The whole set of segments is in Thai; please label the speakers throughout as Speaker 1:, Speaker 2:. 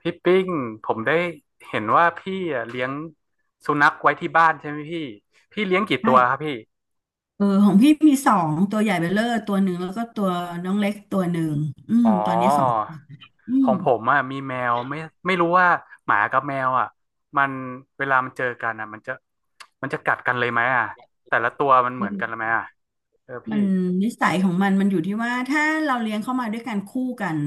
Speaker 1: พี่ปิ้งผมได้เห็นว่าพี่อะเลี้ยงสุนัขไว้ที่บ้านใช่ไหมพี่พี่เลี้ยงกี่
Speaker 2: ใช่
Speaker 1: ตัวครับพี่
Speaker 2: เออของพี่มีสองตัวใหญ่เบลเลอร์ตัวหนึ่งแล้วก็ตัวน้องเล็กตัวหนึ่งอืม
Speaker 1: อ๋อ
Speaker 2: ตอนนี้สองตัวอื
Speaker 1: ข
Speaker 2: ม
Speaker 1: องผมอ่ะมีแมวไม่ไม่รู้ว่าหมากับแมวอ่ะมันเวลามันเจอกันอ่ะมันจะมันจะกัดกันเลยไหมอ่ะแต่ละตัวมันเหมือนกันไหมอ่ะเออ
Speaker 2: มั
Speaker 1: พี่
Speaker 2: นนิสัยของมันมันอยู่ที่ว่าถ้าเราเลี้ยงเข้ามาด้วยกันคู่กัน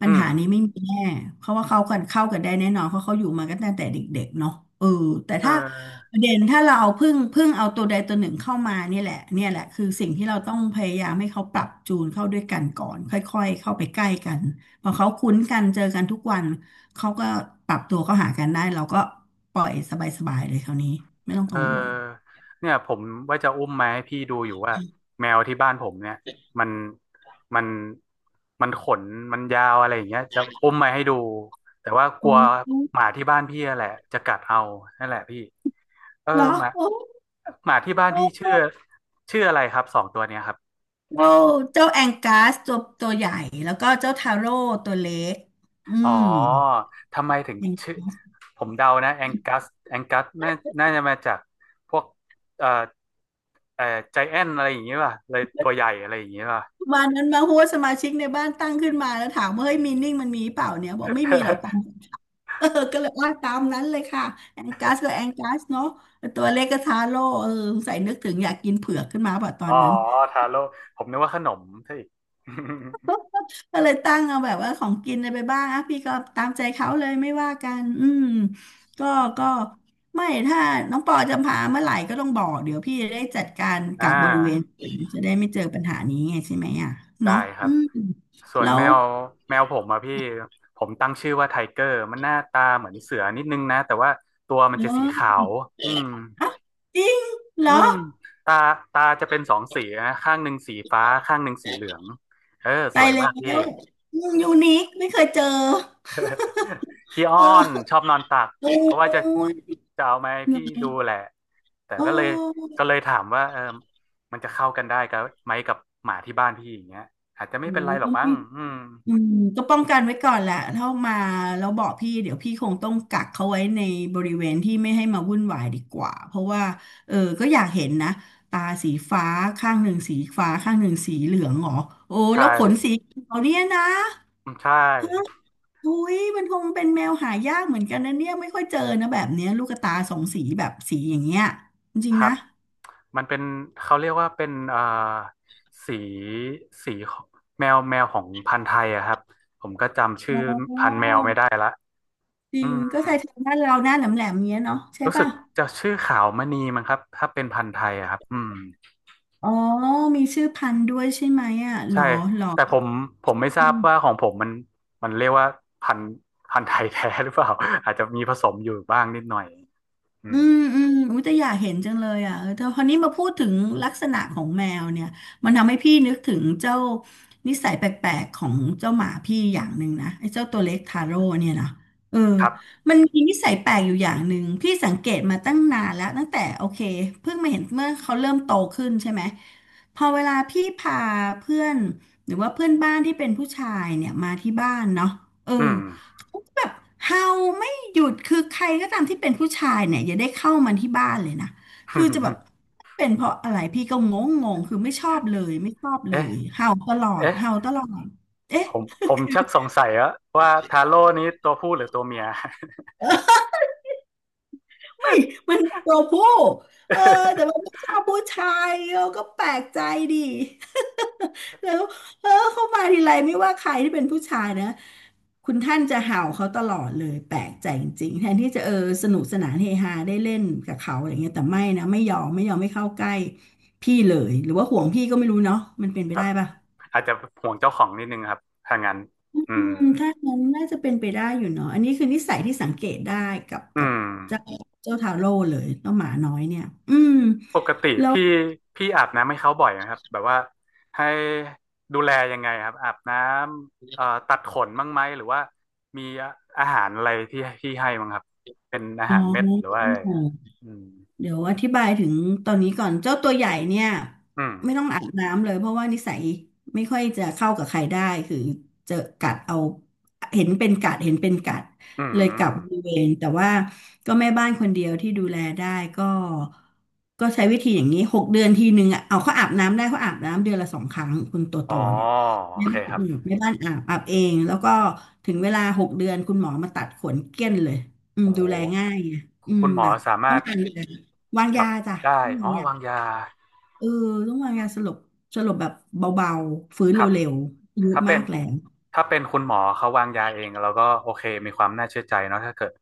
Speaker 2: ปัญ
Speaker 1: อืม
Speaker 2: หานี้ไม่มีแน่เพราะว่าเขากันเข้ากันได้แน่นอนเพราะเขาอยู่มากันตั้งแต่เด็กๆเนาะเออแต่
Speaker 1: เอ
Speaker 2: ถ้า
Speaker 1: อ
Speaker 2: ประเด็นถ้าเราเอาพึ่งเอาตัวใดตัวหนึ่งเข้ามาเนี่ยแหละคือสิ่งที่เราต้องพยายามให้เขาปรับจูนเข้าด้วยกันก่อนค่อยๆเข้าไปใกล้กันพอเขาคุ้นกันเจอกันทุกวันเขาก็ปรับตัวเข้าหากันได้เราก็ปล่อยสบายๆเลยคราวนี้ไม่ต้อง
Speaker 1: เออ
Speaker 2: กังวล
Speaker 1: เนี่ยผมว่าจะอุ้มมาให้พี่ดูอยู่ว่าแมวที่บ้านผมเนี่ยมันมันมันขนมันยาวอะไรอย่างเงี้ยจะอุ้มมาให้ดูแต่ว่ากลัวหมาที่บ้านพี่อะแหละจะกัดเอานั่นแหละพี่เออ
Speaker 2: เหรอ
Speaker 1: หมา
Speaker 2: โอ้
Speaker 1: หมาที่บ้านพี่ชื่อชื่ออะไรครับสองตัวเนี้ยครับ
Speaker 2: เจ้าเจ้าแองกัสตัวใหญ่แล้วก็เจ้าทาโร่ตัวเล็กอื
Speaker 1: อ๋อ
Speaker 2: ม
Speaker 1: ทำไมถึง
Speaker 2: อย่าง
Speaker 1: ชื่อผมเดานะแองกัสแองกัสน่าน่าจะมาจากพวกเอ่อเอ่อใจแอนอะไรอย่างเงี้ยป่ะเลยตัวใหญ่อะไรอย่างเงี้ยป่ะ
Speaker 2: วันนั้นมาหัวสมาชิกในบ้านตั้งขึ้นมาแล้วถามว่าเฮ้ยมีนิ่งมันมีเปล่าเนี่ยบอกไม่มีหรอก ตาม เออก็เลยว่าตามนั้นเลยค่ะแองกัสก็แองกัสเนาะตัวเล็กก็ทาโร่เออสงสัยนึกถึงอยากกินเผือกขึ้นมาป่ะตอ
Speaker 1: อ๋อ
Speaker 2: นนั้น
Speaker 1: ทาโร่ผมนึกว่าขนมซะอีก
Speaker 2: ก็เลยตั้งเอาแบบว่าของกินอะไรไปบ้างอ่ะพี่ก็ตามใจเขาเลยไม่ว่ากันอืมก็ก็ไม่ถ้าน้องปอจะพาเมื่อไหร่ก็ต้องบอกเดี๋ยวพี่จะได้จัดการ
Speaker 1: อ่
Speaker 2: กับบริเวณ
Speaker 1: า
Speaker 2: อื่นจะได้ไม่เจอปัญหานี้ไงใช่ไหมอ่ะ
Speaker 1: ได้
Speaker 2: เนาะ
Speaker 1: ครั
Speaker 2: อื
Speaker 1: บ
Speaker 2: ม
Speaker 1: ส่วน
Speaker 2: แล้
Speaker 1: แม
Speaker 2: ว
Speaker 1: วแมวผมอะพี่ผมตั้งชื่อว่าไทเกอร์มันหน้าตาเหมือนเสือนิดนึงนะแต่ว่าตัวมันจะ
Speaker 2: เน
Speaker 1: สี
Speaker 2: อะ
Speaker 1: ขาวอืม
Speaker 2: อ่ะจริงเหร
Speaker 1: อื
Speaker 2: อ
Speaker 1: มตาตาจะเป็นสองสีนะข้างหนึ่งสีฟ้าข้างหนึ่งสีเหลืองเออส
Speaker 2: ตา
Speaker 1: ว
Speaker 2: ย
Speaker 1: ย
Speaker 2: แล้ว
Speaker 1: มากพี่
Speaker 2: อืมยูนิคไม่เคยเจอ
Speaker 1: ขี้อ้
Speaker 2: เ
Speaker 1: อน
Speaker 2: ออ
Speaker 1: ชอบนอนตัก
Speaker 2: โอ้ย
Speaker 1: ก็ว่าจะจะเอาไหมาให้
Speaker 2: เหรอ
Speaker 1: พี่ดูแหละแต่
Speaker 2: โอ้
Speaker 1: ก็เลยก็เลยถามว่าเออมันจะเข้ากันได้กับไหมกับหมาที่บ้านพี่อย่างเงี้ยอาจจะไม่
Speaker 2: โห
Speaker 1: เป็นไรหรอ
Speaker 2: ก็
Speaker 1: กมั้ง
Speaker 2: ไม่
Speaker 1: อืม
Speaker 2: อืมก็ป้องกันไว้ก่อนแหละถ้ามาแล้วบอกพี่เดี๋ยวพี่คงต้องกักเขาไว้ในบริเวณที่ไม่ให้มาวุ่นวายดีกว่าเพราะว่าเออก็อยากเห็นนะตาสีฟ้าข้างหนึ่งสีฟ้าข้างหนึ่งสีเหลืองเหรอโอ้
Speaker 1: ใช่
Speaker 2: แล้วขนสีเขียวเนี่ยนะ
Speaker 1: อืมใช่
Speaker 2: อุ้ยมันคงเป็นแมวหายากเหมือนกันนะเนี่ยไม่ค่อยเจอนะแบบเนี้ยลูกตาสองสีแบบสีอย่างเงี้ยจริง
Speaker 1: ค
Speaker 2: ๆ
Speaker 1: รับ
Speaker 2: นะ
Speaker 1: มันเป็นเขาเรียกว่าเป็นสีสีของแมวแมวของพันธุ์ไทยอะครับผมก็จำชื่อ
Speaker 2: อ๋
Speaker 1: พันธุ์
Speaker 2: อ
Speaker 1: แมวไม่ได้ละ
Speaker 2: จริ
Speaker 1: อื
Speaker 2: ง
Speaker 1: ม
Speaker 2: ก็ใช่ทางบ้านเราหน้าแหลมแหลมเงี้ยเนาะใช่
Speaker 1: รู้สึ
Speaker 2: ป่ะ
Speaker 1: กจะชื่อขาวมณีมั้งครับถ้าเป็นพันธุ์ไทยอะครับอืม
Speaker 2: อ๋อ มีชื่อพันธุ์ด้วยใช่ไหมอ่ะหร
Speaker 1: ใช่
Speaker 2: อหรอ
Speaker 1: แต่ผมผมไม่ท
Speaker 2: อื
Speaker 1: ราบว่า
Speaker 2: ม
Speaker 1: ของผมมันมันเรียกว่าพันธุ์พันธุ์ไทยแท้หรือเปล่า อาจจะมีผสมอยู่บ้างนิดหน่อยอื
Speaker 2: อื
Speaker 1: ม
Speaker 2: มอืมอุ้ยแต่อยากเห็นจังเลยอ่ะเออแต่พอนี้มาพูดถึงลักษณะของแมวเนี่ยมันทำให้พี่นึกถึงเจ้านิสัยแปลกๆของเจ้าหมาพี่อย่างหนึ่งนะไอ้เจ้าตัวเล็กทาโร่เนี่ยนะเออ
Speaker 1: ครับ
Speaker 2: มันมีนิสัยแปลกอยู่อย่างหนึ่งพี่สังเกตมาตั้งนานแล้วตั้งแต่โอเคเพิ่งมาเห็นเมื่อเขาเริ่มโตขึ้นใช่ไหมพอเวลาพี่พาเพื่อนหรือว่าเพื่อนบ้านที่เป็นผู้ชายเนี่ยมาที่บ้านเนาะเออ
Speaker 1: อืม
Speaker 2: เขาก็แบบเห่า หยุดคือใครก็ตามที่เป็นผู้ชายเนี่ยอย่าได้เข้ามาที่บ้านเลยนะคือจะแบบ เป็นเพราะอะไรพี่ก็งงงคือไม่ชอบเลยไม่ชอบเล
Speaker 1: เอ๊ะ
Speaker 2: ยเห่าตลอด
Speaker 1: เอ๊ะ
Speaker 2: เห่าตลอดเอ๊ะ
Speaker 1: ผมผมชักสงสัยแล้วว่าทาโร่นี้ตัวผู้หรือตัวเมีย
Speaker 2: ไม่มันตัวผู้เออแต่มัน ไม่ชอบผู้ชายเราก็แปลกใจดิ แล้วเออเขามาทีไรไม่ว่าใครที่เป็นผู้ชายนะคุณท่านจะเห่าเขาตลอดเลยแปลกใจจริงๆแทนที่จะเออสนุกสนานเฮฮาได้เล่นกับเขาอะไรเงี้ยแต่ไม่นะไม่ยอมไม่ยอมไม่เข้าใกล้พี่เลยหรือว่าห่วงพี่ก็ไม่รู้เนาะมันเป็นไป
Speaker 1: ครั
Speaker 2: ได้
Speaker 1: บ
Speaker 2: ปะ
Speaker 1: อาจจะห่วงเจ้าของนิดนึงครับ ถ้างั้น
Speaker 2: อื
Speaker 1: อืม
Speaker 2: มถ้างั้นน่าจะเป็นไปได้อยู่เนาะอันนี้คือนิสัยที่สังเกตได้กับ
Speaker 1: อื
Speaker 2: กับ
Speaker 1: ม
Speaker 2: เจ้าเจ้าทาโร่เลยเจ้าหมาน้อยเนี่ยอืม
Speaker 1: ปกติพี่พี่อาบน้ำให้เขาบ่อยนะครับแบบว่าให้ดูแลยังไงครับอาบน้ำตัดขนบ้างไหมหรือว่ามีอาหารอะไรที่ที่ให้บ้างครับเป็นอา
Speaker 2: อ๋อ
Speaker 1: หารเม็ดหรือว่าอะไรอะอืม
Speaker 2: เดี๋ยวอธิบายถึงตอนนี้ก่อนเจ้าตัวใหญ่เนี่ย
Speaker 1: อืม
Speaker 2: ไม่ต้องอาบน้ำเลยเพราะว่านิสัยไม่ค่อยจะเข้ากับใครได้คือจะกัดเอาเห็นเป็นกัดเห็นเป็นกัด
Speaker 1: อืม
Speaker 2: เลย
Speaker 1: อ
Speaker 2: กลับ
Speaker 1: ม
Speaker 2: บริเวณแต่ว่าก็แม่บ้านคนเดียวที่ดูแลได้ก็ก็ใช้วิธีอย่างนี้หกเดือนทีหนึ่งอ่ะเอาเขาอาบน้ำได้เขาอาบน้ำเดือนละสองครั้งคุณโตโต
Speaker 1: อ๋อ
Speaker 2: เนี่ย
Speaker 1: โอ
Speaker 2: แม่
Speaker 1: เค
Speaker 2: บ้าน
Speaker 1: ครับ
Speaker 2: อืมแม่บ้านอาบเองแล้วก็ถึงเวลาหกเดือนคุณหมอมาตัดขนเกลี้ยนเลยอืม
Speaker 1: โอ้โห
Speaker 2: ดูแลง่ายไงอืม
Speaker 1: คุณหมอ
Speaker 2: แบบ
Speaker 1: สา
Speaker 2: ต้
Speaker 1: มา
Speaker 2: อ
Speaker 1: ร
Speaker 2: ง
Speaker 1: ถ
Speaker 2: การดูแล วาง
Speaker 1: จั
Speaker 2: ยา
Speaker 1: บ
Speaker 2: จ้ะ
Speaker 1: ได้
Speaker 2: ต้อง
Speaker 1: อ๋
Speaker 2: วา
Speaker 1: อ
Speaker 2: ง
Speaker 1: วาง
Speaker 2: ยา
Speaker 1: ยา
Speaker 2: เออต้องวางยาสลบสลบแบบเบาๆฟื้น
Speaker 1: ครับ
Speaker 2: เร็วๆอายุ
Speaker 1: ถ้าเป็
Speaker 2: มา
Speaker 1: น
Speaker 2: กแล้ว
Speaker 1: ถ้าเป็นคุณหมอเขาวางยาเองเราก็โอเคมีความน่าเชื่อใจเนาะถ้าเกิด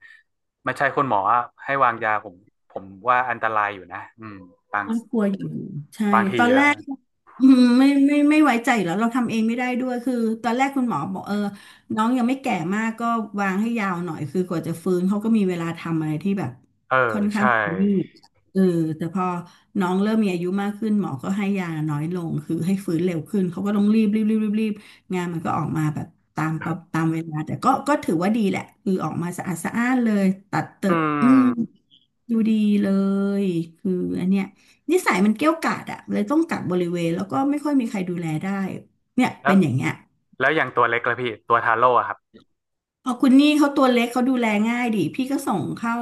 Speaker 1: ไม่ใช่คุณหมออะให้วางยาผมผมว่าอันตรายอยู่นะอืมบาง
Speaker 2: น่ากลัวอยู่ใช่
Speaker 1: บางที
Speaker 2: ตอนแร
Speaker 1: อะ
Speaker 2: กอืมไม่ไว้ใจอยู่แล้วเราทำเองไม่ได้ด้วยคือตอนแรกคุณหมอบอกเออน้องยังไม่แก่มากก็วางให้ยาวหน่อยคือกว่าจะฟื้นเขาก็มีเวลาทำอะไรที่แบบ
Speaker 1: เออใช่
Speaker 2: นี่เออแต่พอน้องเริ่มมีอายุมากขึ้นหมอก็ให้ยาน้อยลงคือให้ฟื้นเร็วขึ้นเขาก็ต้องรีบงานมันก็ออกมาแบบตามประตามเวลาแต่ก็ถือว่าดีแหละคือออกมาสะอาดสะอ้านเลยตัดเติ
Speaker 1: อื
Speaker 2: ดอืม
Speaker 1: ม
Speaker 2: ดูดีเลยคืออันเนี้ยนิสัยมันเกี้ยวกาดอะเลยต้องกักบริเวณแล้วก็ไม่ค่อยมีใครดูแลได้เนี่ย
Speaker 1: แล้
Speaker 2: เป็
Speaker 1: ว
Speaker 2: นอย่างเงี้ย
Speaker 1: แล้วอย่างตัวเล็กละพี่ตัวทาโร่อะครับ
Speaker 2: พอคุณนี่เขาตัวเล็กเขาดูแลง่ายดิพี่ก็ส่งเข้า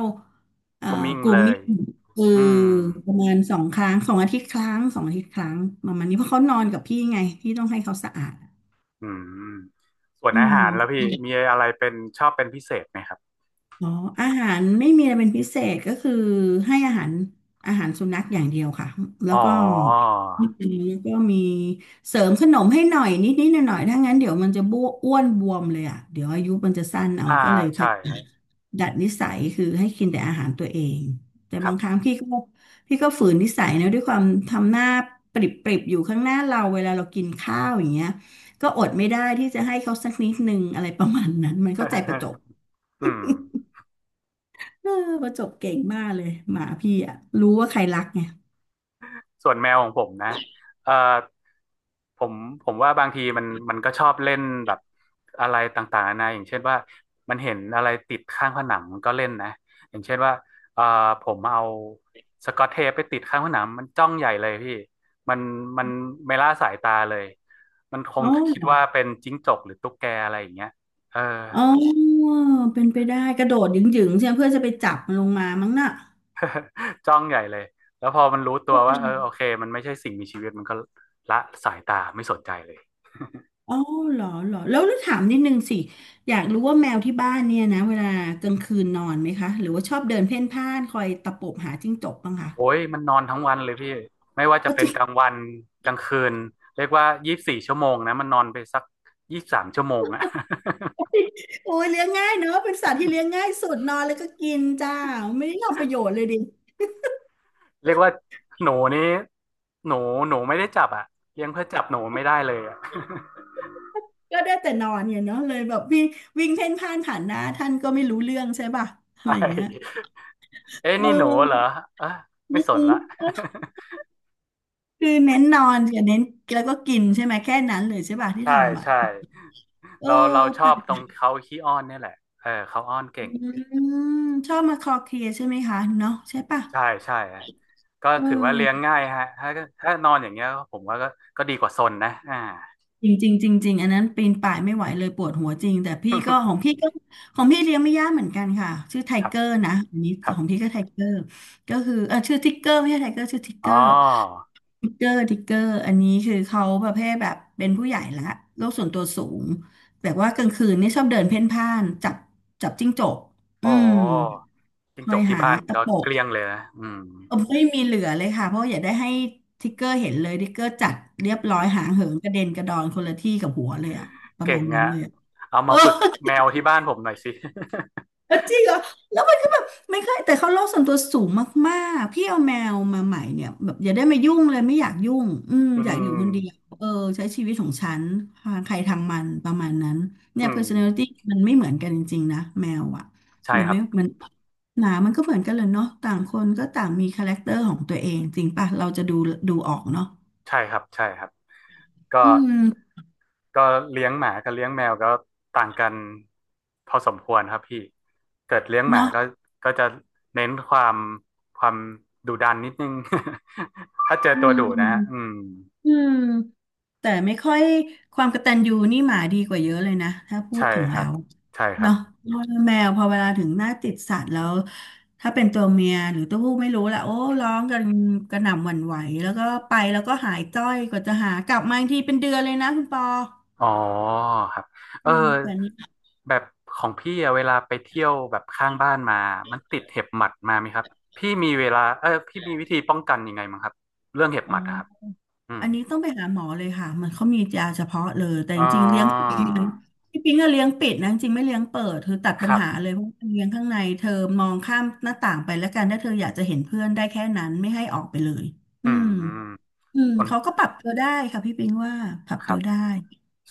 Speaker 2: เอ่อ
Speaker 1: ก็มิ่ง
Speaker 2: กลุ่
Speaker 1: เล
Speaker 2: มมิ่
Speaker 1: ย
Speaker 2: งคือ
Speaker 1: อืม
Speaker 2: ประมาณ2 ครั้งสองอาทิตย์ครั้งสองอาทิตย์ครั้งประมาณนี้เพราะเขานอนกับพี่ไงพี่ต้องให้เขาสะอาด
Speaker 1: อืมส่วน
Speaker 2: อื
Speaker 1: อา
Speaker 2: ม
Speaker 1: หารแล้วพี่มีอะไรเป็นชอบเป็นพิเศษไหมครับ
Speaker 2: อ๋ออาหารไม่มีอะไรเป็นพิเศษก็คือให้อาหารสุนัขอย่างเดียวค่ะแล้
Speaker 1: อ๋อ
Speaker 2: วก็นี่คือก็มีเสริมขนมให้หน่อยนิดหน่อยหน่อยๆถ้างั้นเดี๋ยวมันจะบ้วอ้วนบวมเลยอ่ะเดี๋ยวอายุมันจะสั้นเอา
Speaker 1: อ่า
Speaker 2: ก็เลยพ
Speaker 1: ใช่
Speaker 2: ยายามดัดนิสัยคือให้กินแต่อาหารตัวเองแต่
Speaker 1: ครั
Speaker 2: บา
Speaker 1: บ
Speaker 2: งครั้งพี่ก็ฝืนนิสัยนะด้วยความทำหน้าปริบปริบอยู่ข้างหน้าเราเวลาเรากินข้าวอย่างเงี้ยก็อดไม่ได้ที่จะให้เขาสักนิดนึงอะไรประมาณนั้นมันก็ใจ ป
Speaker 1: ครั
Speaker 2: ระ
Speaker 1: บ
Speaker 2: จบ
Speaker 1: อืม
Speaker 2: เออประจบเก่งมากเลยหมาพี่อ่ะรู้ว่าใครรักไง
Speaker 1: ส่วนแมวของผมนะเอ่อ ผมผมว่าบางทีมันมันก็ชอบเล่นแบบอะไรต่างๆนานาอย่างเช่นว่ามันเห็นอะไรติดข้างผนังมันก็เล่นนะอย่างเช่นว่าเอ่อผมเอาสกอตเทปไปติดข้างผนังมันจ้องใหญ่เลยพี่มันมันไม่ละสายตาเลยมันคง
Speaker 2: อ๋อ
Speaker 1: คิดว่าเป็นจิ้งจกหรือตุ๊กแกอะไรอย่างเงี้ยเออ
Speaker 2: อ๋อเป็นไปได้กระโดดหยิ่งๆใช่ไหมเพื่อจะไปจับมันลงมามั้งน่ะ
Speaker 1: จ้องใหญ่เลยแล้วพอมันรู้ตัวว่าเออโอเคมันไม่ใช่สิ่งมีชีวิตมันก็ละสายตาไม่สนใจเลย
Speaker 2: อ๋อเหรอแล้วถามนิดนึงสิอยากรู้ว่าแมวที่บ้านเนี่ยนะเวลากลางคืนนอนไหมคะหรือว่าชอบเดินเพ่นพ่านคอยตะปบหาจิ้งจกบ้างคะ
Speaker 1: โอ้ยมันนอนทั้งวันเลยพี่ไม่ว่าจะ
Speaker 2: เอา
Speaker 1: เป็
Speaker 2: จ
Speaker 1: น
Speaker 2: ริง
Speaker 1: กลางวันกลางคืนเรียกว่า24 ชั่วโมงนะมันนอนไปสัก23 ชั่วโมงอะ
Speaker 2: โอ้ยเลี้ยงง่ายเนอะเป็นสัตว์ที่เลี้ยงง่ายสุดนอนแล้วก็กินจ้าไม่ได้ทำประโยชน์เลยดิ
Speaker 1: เรียกว่าหนูนี้หนูหนูไม่ได้จับอะเลี้ยงเพื่อจับหนูไม่ได้เลยอะ
Speaker 2: ก็ได้แต่นอนเนี่ยเนาะเลยแบบวิ่งวิ่งเพ่นพ่านผ่านหน้าท่านก็ไม่รู้เรื่องใช่ป่ะ อะไร
Speaker 1: ใช่
Speaker 2: อย่างเงี้ย
Speaker 1: เอ้ย
Speaker 2: เ
Speaker 1: นี่หนูเหรอ
Speaker 2: ออ
Speaker 1: เออ
Speaker 2: อื
Speaker 1: ไม่สนละ
Speaker 2: ม คือเน้นนอนกับเน้นแล้วก็กินใช่ไหมแค่นั้นเลยใช่ป่ะที่
Speaker 1: ใช่
Speaker 2: ทำอ่ะ
Speaker 1: ใช่
Speaker 2: เออ
Speaker 1: เราเราช
Speaker 2: แป
Speaker 1: อบตร
Speaker 2: ล
Speaker 1: งเขาขี้อ้อนเนี่ยแหละเออเขาอ้อน
Speaker 2: อื
Speaker 1: เก่ง
Speaker 2: มชอบมาคลอเคลียร์ใช่ไหมคะเนาะใช่ป่ะ
Speaker 1: ใช่ใช่ก็
Speaker 2: เอ
Speaker 1: ถือว่าเลี้ยง
Speaker 2: อ
Speaker 1: ง่ายฮะถ้าถ้านอนอย่างเงี้ยผมว่าก็ก็ดีกว่าซนนะอ่า
Speaker 2: จริงจริงจริงจริงอันนั้นปีนป่ายไม่ไหวเลยปวดหัวจริงแต่พี่ก็ของ พี่ก็ของพี่เลี้ยงไม่ยากเหมือนกันค่ะชื่อไท
Speaker 1: ครับ
Speaker 2: เกอร์นะอันนี้
Speaker 1: ครับ
Speaker 2: ของพี่ก็ไทเกอร์ก็คือเออชื่อทิกเกอร์ไม่ใช่ไทเกอร์ชื่อทิกเก
Speaker 1: อ๋
Speaker 2: อ
Speaker 1: อ
Speaker 2: ร์ทิกเกอร์อันนี้คือเขาประเภทแบบเป็นผู้ใหญ่ละโลกส่วนตัวสูงแบบว่ากลางคืนนี่ชอบเดินเพ่นพ่านจับจิ้งจกอื
Speaker 1: อ๋อ
Speaker 2: ม
Speaker 1: จิ้ง
Speaker 2: ค
Speaker 1: จ
Speaker 2: อย
Speaker 1: กที่
Speaker 2: หา
Speaker 1: บ้าน
Speaker 2: ตะ
Speaker 1: ก็
Speaker 2: ป
Speaker 1: เก
Speaker 2: บ
Speaker 1: ลี้ยงเลยนะอืม
Speaker 2: เออไม่มีเหลือเลยค่ะเพราะอย่าได้ให้ทิกเกอร์เห็นเลยทิกเกอร์จัดเรียบร้อยหางเหินกระเด็นกระดอนคนละที่กับหัวเลยอะประ
Speaker 1: เก่
Speaker 2: มา
Speaker 1: ง
Speaker 2: ณนั้น
Speaker 1: อะ
Speaker 2: เลยอะ
Speaker 1: เอา
Speaker 2: เอ
Speaker 1: มา
Speaker 2: อ
Speaker 1: ฝึกแมวที่บ้านผมหน่อยสิ
Speaker 2: เออจริงเหรอแล้วมันก็แบบไม่เคยแต่เขาโลกส่วนตัวสูงมากๆพี่เอาแมวมาใหม่เนี่ยแบบอย่าได้มายุ่งเลยไม่อยากยุ่งอืม
Speaker 1: อื
Speaker 2: อยากอยู่คนเดียว
Speaker 1: ม
Speaker 2: เออใช้ชีวิตของฉันใครทางมันประมาณนั้น
Speaker 1: อื
Speaker 2: เนี่ย
Speaker 1: ม
Speaker 2: personality มันไม่เหมือนกันจริงๆนะแมวอ่ะ
Speaker 1: ใช่
Speaker 2: หรือ
Speaker 1: ครั
Speaker 2: ไม่
Speaker 1: บ
Speaker 2: มันหนามันก็เหมือนกันเลยเนาะต่างคนก็ต่างมีคาแรคเตอร์ของตัวเองจริงป่ะเราจะดูดูออกเนาะ
Speaker 1: ใช่ครับใช่ครับก็
Speaker 2: อืม
Speaker 1: ก็เลี้ยงหมากับเลี้ยงแมวก็ต่างกันพอสมควรครับพี่เกิดเลี้ยงหมา
Speaker 2: เนาะ
Speaker 1: ก็ก็จะเน้นความความดุดันนิดนึง ถ้าเจอ
Speaker 2: อื
Speaker 1: ตัวดุนะฮะ
Speaker 2: ม
Speaker 1: อืม
Speaker 2: อืม แต่ไม่ค่อยความกตัญญูนี่หมาดีกว่าเยอะเลยนะถ้าพูด
Speaker 1: ใช่
Speaker 2: ถึง
Speaker 1: ค
Speaker 2: แล้
Speaker 1: รับ
Speaker 2: ว
Speaker 1: ใช่ครั
Speaker 2: เนาะ
Speaker 1: บ
Speaker 2: เพราะแมวพอเวลาถึงหน้าติดสัตว์แล้วถ้าเป็นตัวเมียหรือตัวผู้ไม่รู้แหละโอ้ร้องกันกระหน่ำหวั่นไหวแล้วก็ไปแล้วก็หายจ้อยกว่าจะหากลับมาอีกทีเป็นเดือนเลยนะคุณปอ
Speaker 1: อ๋อครับเอ
Speaker 2: อื
Speaker 1: อ
Speaker 2: มแบบนี้
Speaker 1: แบบของพี่อะเวลาไปเที่ยวแบบข้างบ้านมามันติดเห็บหมัดมาไหมครับพี่มีเวลาเออพี่มีวิธีป้องกันยังไงมั้งครับเรื่องเห็บ
Speaker 2: โ
Speaker 1: หมัดนะครับ
Speaker 2: อ
Speaker 1: อืม
Speaker 2: อันนี้ต้องไปหาหมอเลยค่ะมันเขามียาเฉพาะเลยแต่
Speaker 1: อ๋อ
Speaker 2: จริงๆเลี้ยงปิดที่พี่ปิงก็เลี้ยงปิดนะจริงๆไม่เลี้ยงเปิดเธอตัด
Speaker 1: ค
Speaker 2: ปัญ
Speaker 1: รั
Speaker 2: หาเล
Speaker 1: บ
Speaker 2: ยเพราะว่าเลี้ยงข้างในเธอมองข้ามหน้าต่างไปแล้วกันถ้าเธออยากจะเห็นเพื่อนได้แค่นั้นไม่ให้ออกไปเลย
Speaker 1: อื
Speaker 2: อืม
Speaker 1: ม
Speaker 2: อืม
Speaker 1: ส่วน
Speaker 2: เขาก็ปรับตัวได้ค่ะพี่ปิงว่าปรับ
Speaker 1: ค
Speaker 2: ตั
Speaker 1: รับ
Speaker 2: วได้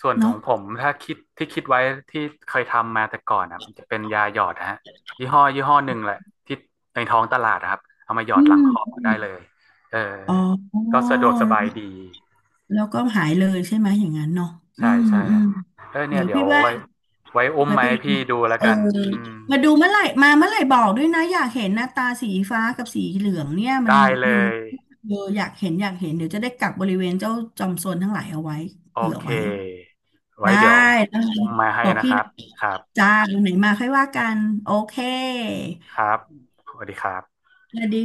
Speaker 1: ส่วนข
Speaker 2: เนาะ
Speaker 1: องผมถ้าคิดที่คิดไว้ที่เคยทำมาแต่ก่อนอ่ะมันจะเป็นยาหยอดนะฮะยี่ห้อยี่ห้อหนึ่งแหละที่ในท้องตลาดนะครับเอามาหยอ
Speaker 2: อื
Speaker 1: ดหลังคอได้
Speaker 2: ม
Speaker 1: เลยเออ
Speaker 2: อ๋
Speaker 1: ก็
Speaker 2: อ
Speaker 1: สะดวกสบายดี
Speaker 2: แล้วก็หายเลยใช่ไหมอย่างนั้นเนาะอื
Speaker 1: ใช่
Speaker 2: ม
Speaker 1: ใช่
Speaker 2: อืม
Speaker 1: ฮะเออเนี่
Speaker 2: เดี๋
Speaker 1: ย
Speaker 2: ยว
Speaker 1: เดี๋ยว
Speaker 2: พี่ว่า
Speaker 1: ไว้ไว้อุ้ม
Speaker 2: ไป
Speaker 1: ไห
Speaker 2: ไป
Speaker 1: มาให้
Speaker 2: อีก
Speaker 1: พี่ดูแล้ว
Speaker 2: เออ
Speaker 1: กันอืม
Speaker 2: มาดูเมื่อไหร่มาเมื่อไหร่บอกด้วยนะอยากเห็นหน้าตาสีฟ้ากับสีเหลืองเนี่ยมั
Speaker 1: ได้
Speaker 2: น
Speaker 1: เล
Speaker 2: อยู่
Speaker 1: ย
Speaker 2: เอออยากเห็นอยากเห็นเดี๋ยวจะได้กักบริเวณเจ้าจอมโซนทั้งหลายเอาไว้
Speaker 1: โอ
Speaker 2: เผื่อ
Speaker 1: เค
Speaker 2: ไว้
Speaker 1: ไว้
Speaker 2: ได้
Speaker 1: เดี๋ยว
Speaker 2: ได้
Speaker 1: อุ้มมาให้
Speaker 2: บอก
Speaker 1: นะค
Speaker 2: พี่ห
Speaker 1: รับ
Speaker 2: นะ
Speaker 1: ครับ
Speaker 2: จ้าวันไหนมาค่อยว่ากันโอเค
Speaker 1: ครับสวัสดีครับ
Speaker 2: แล้วสดี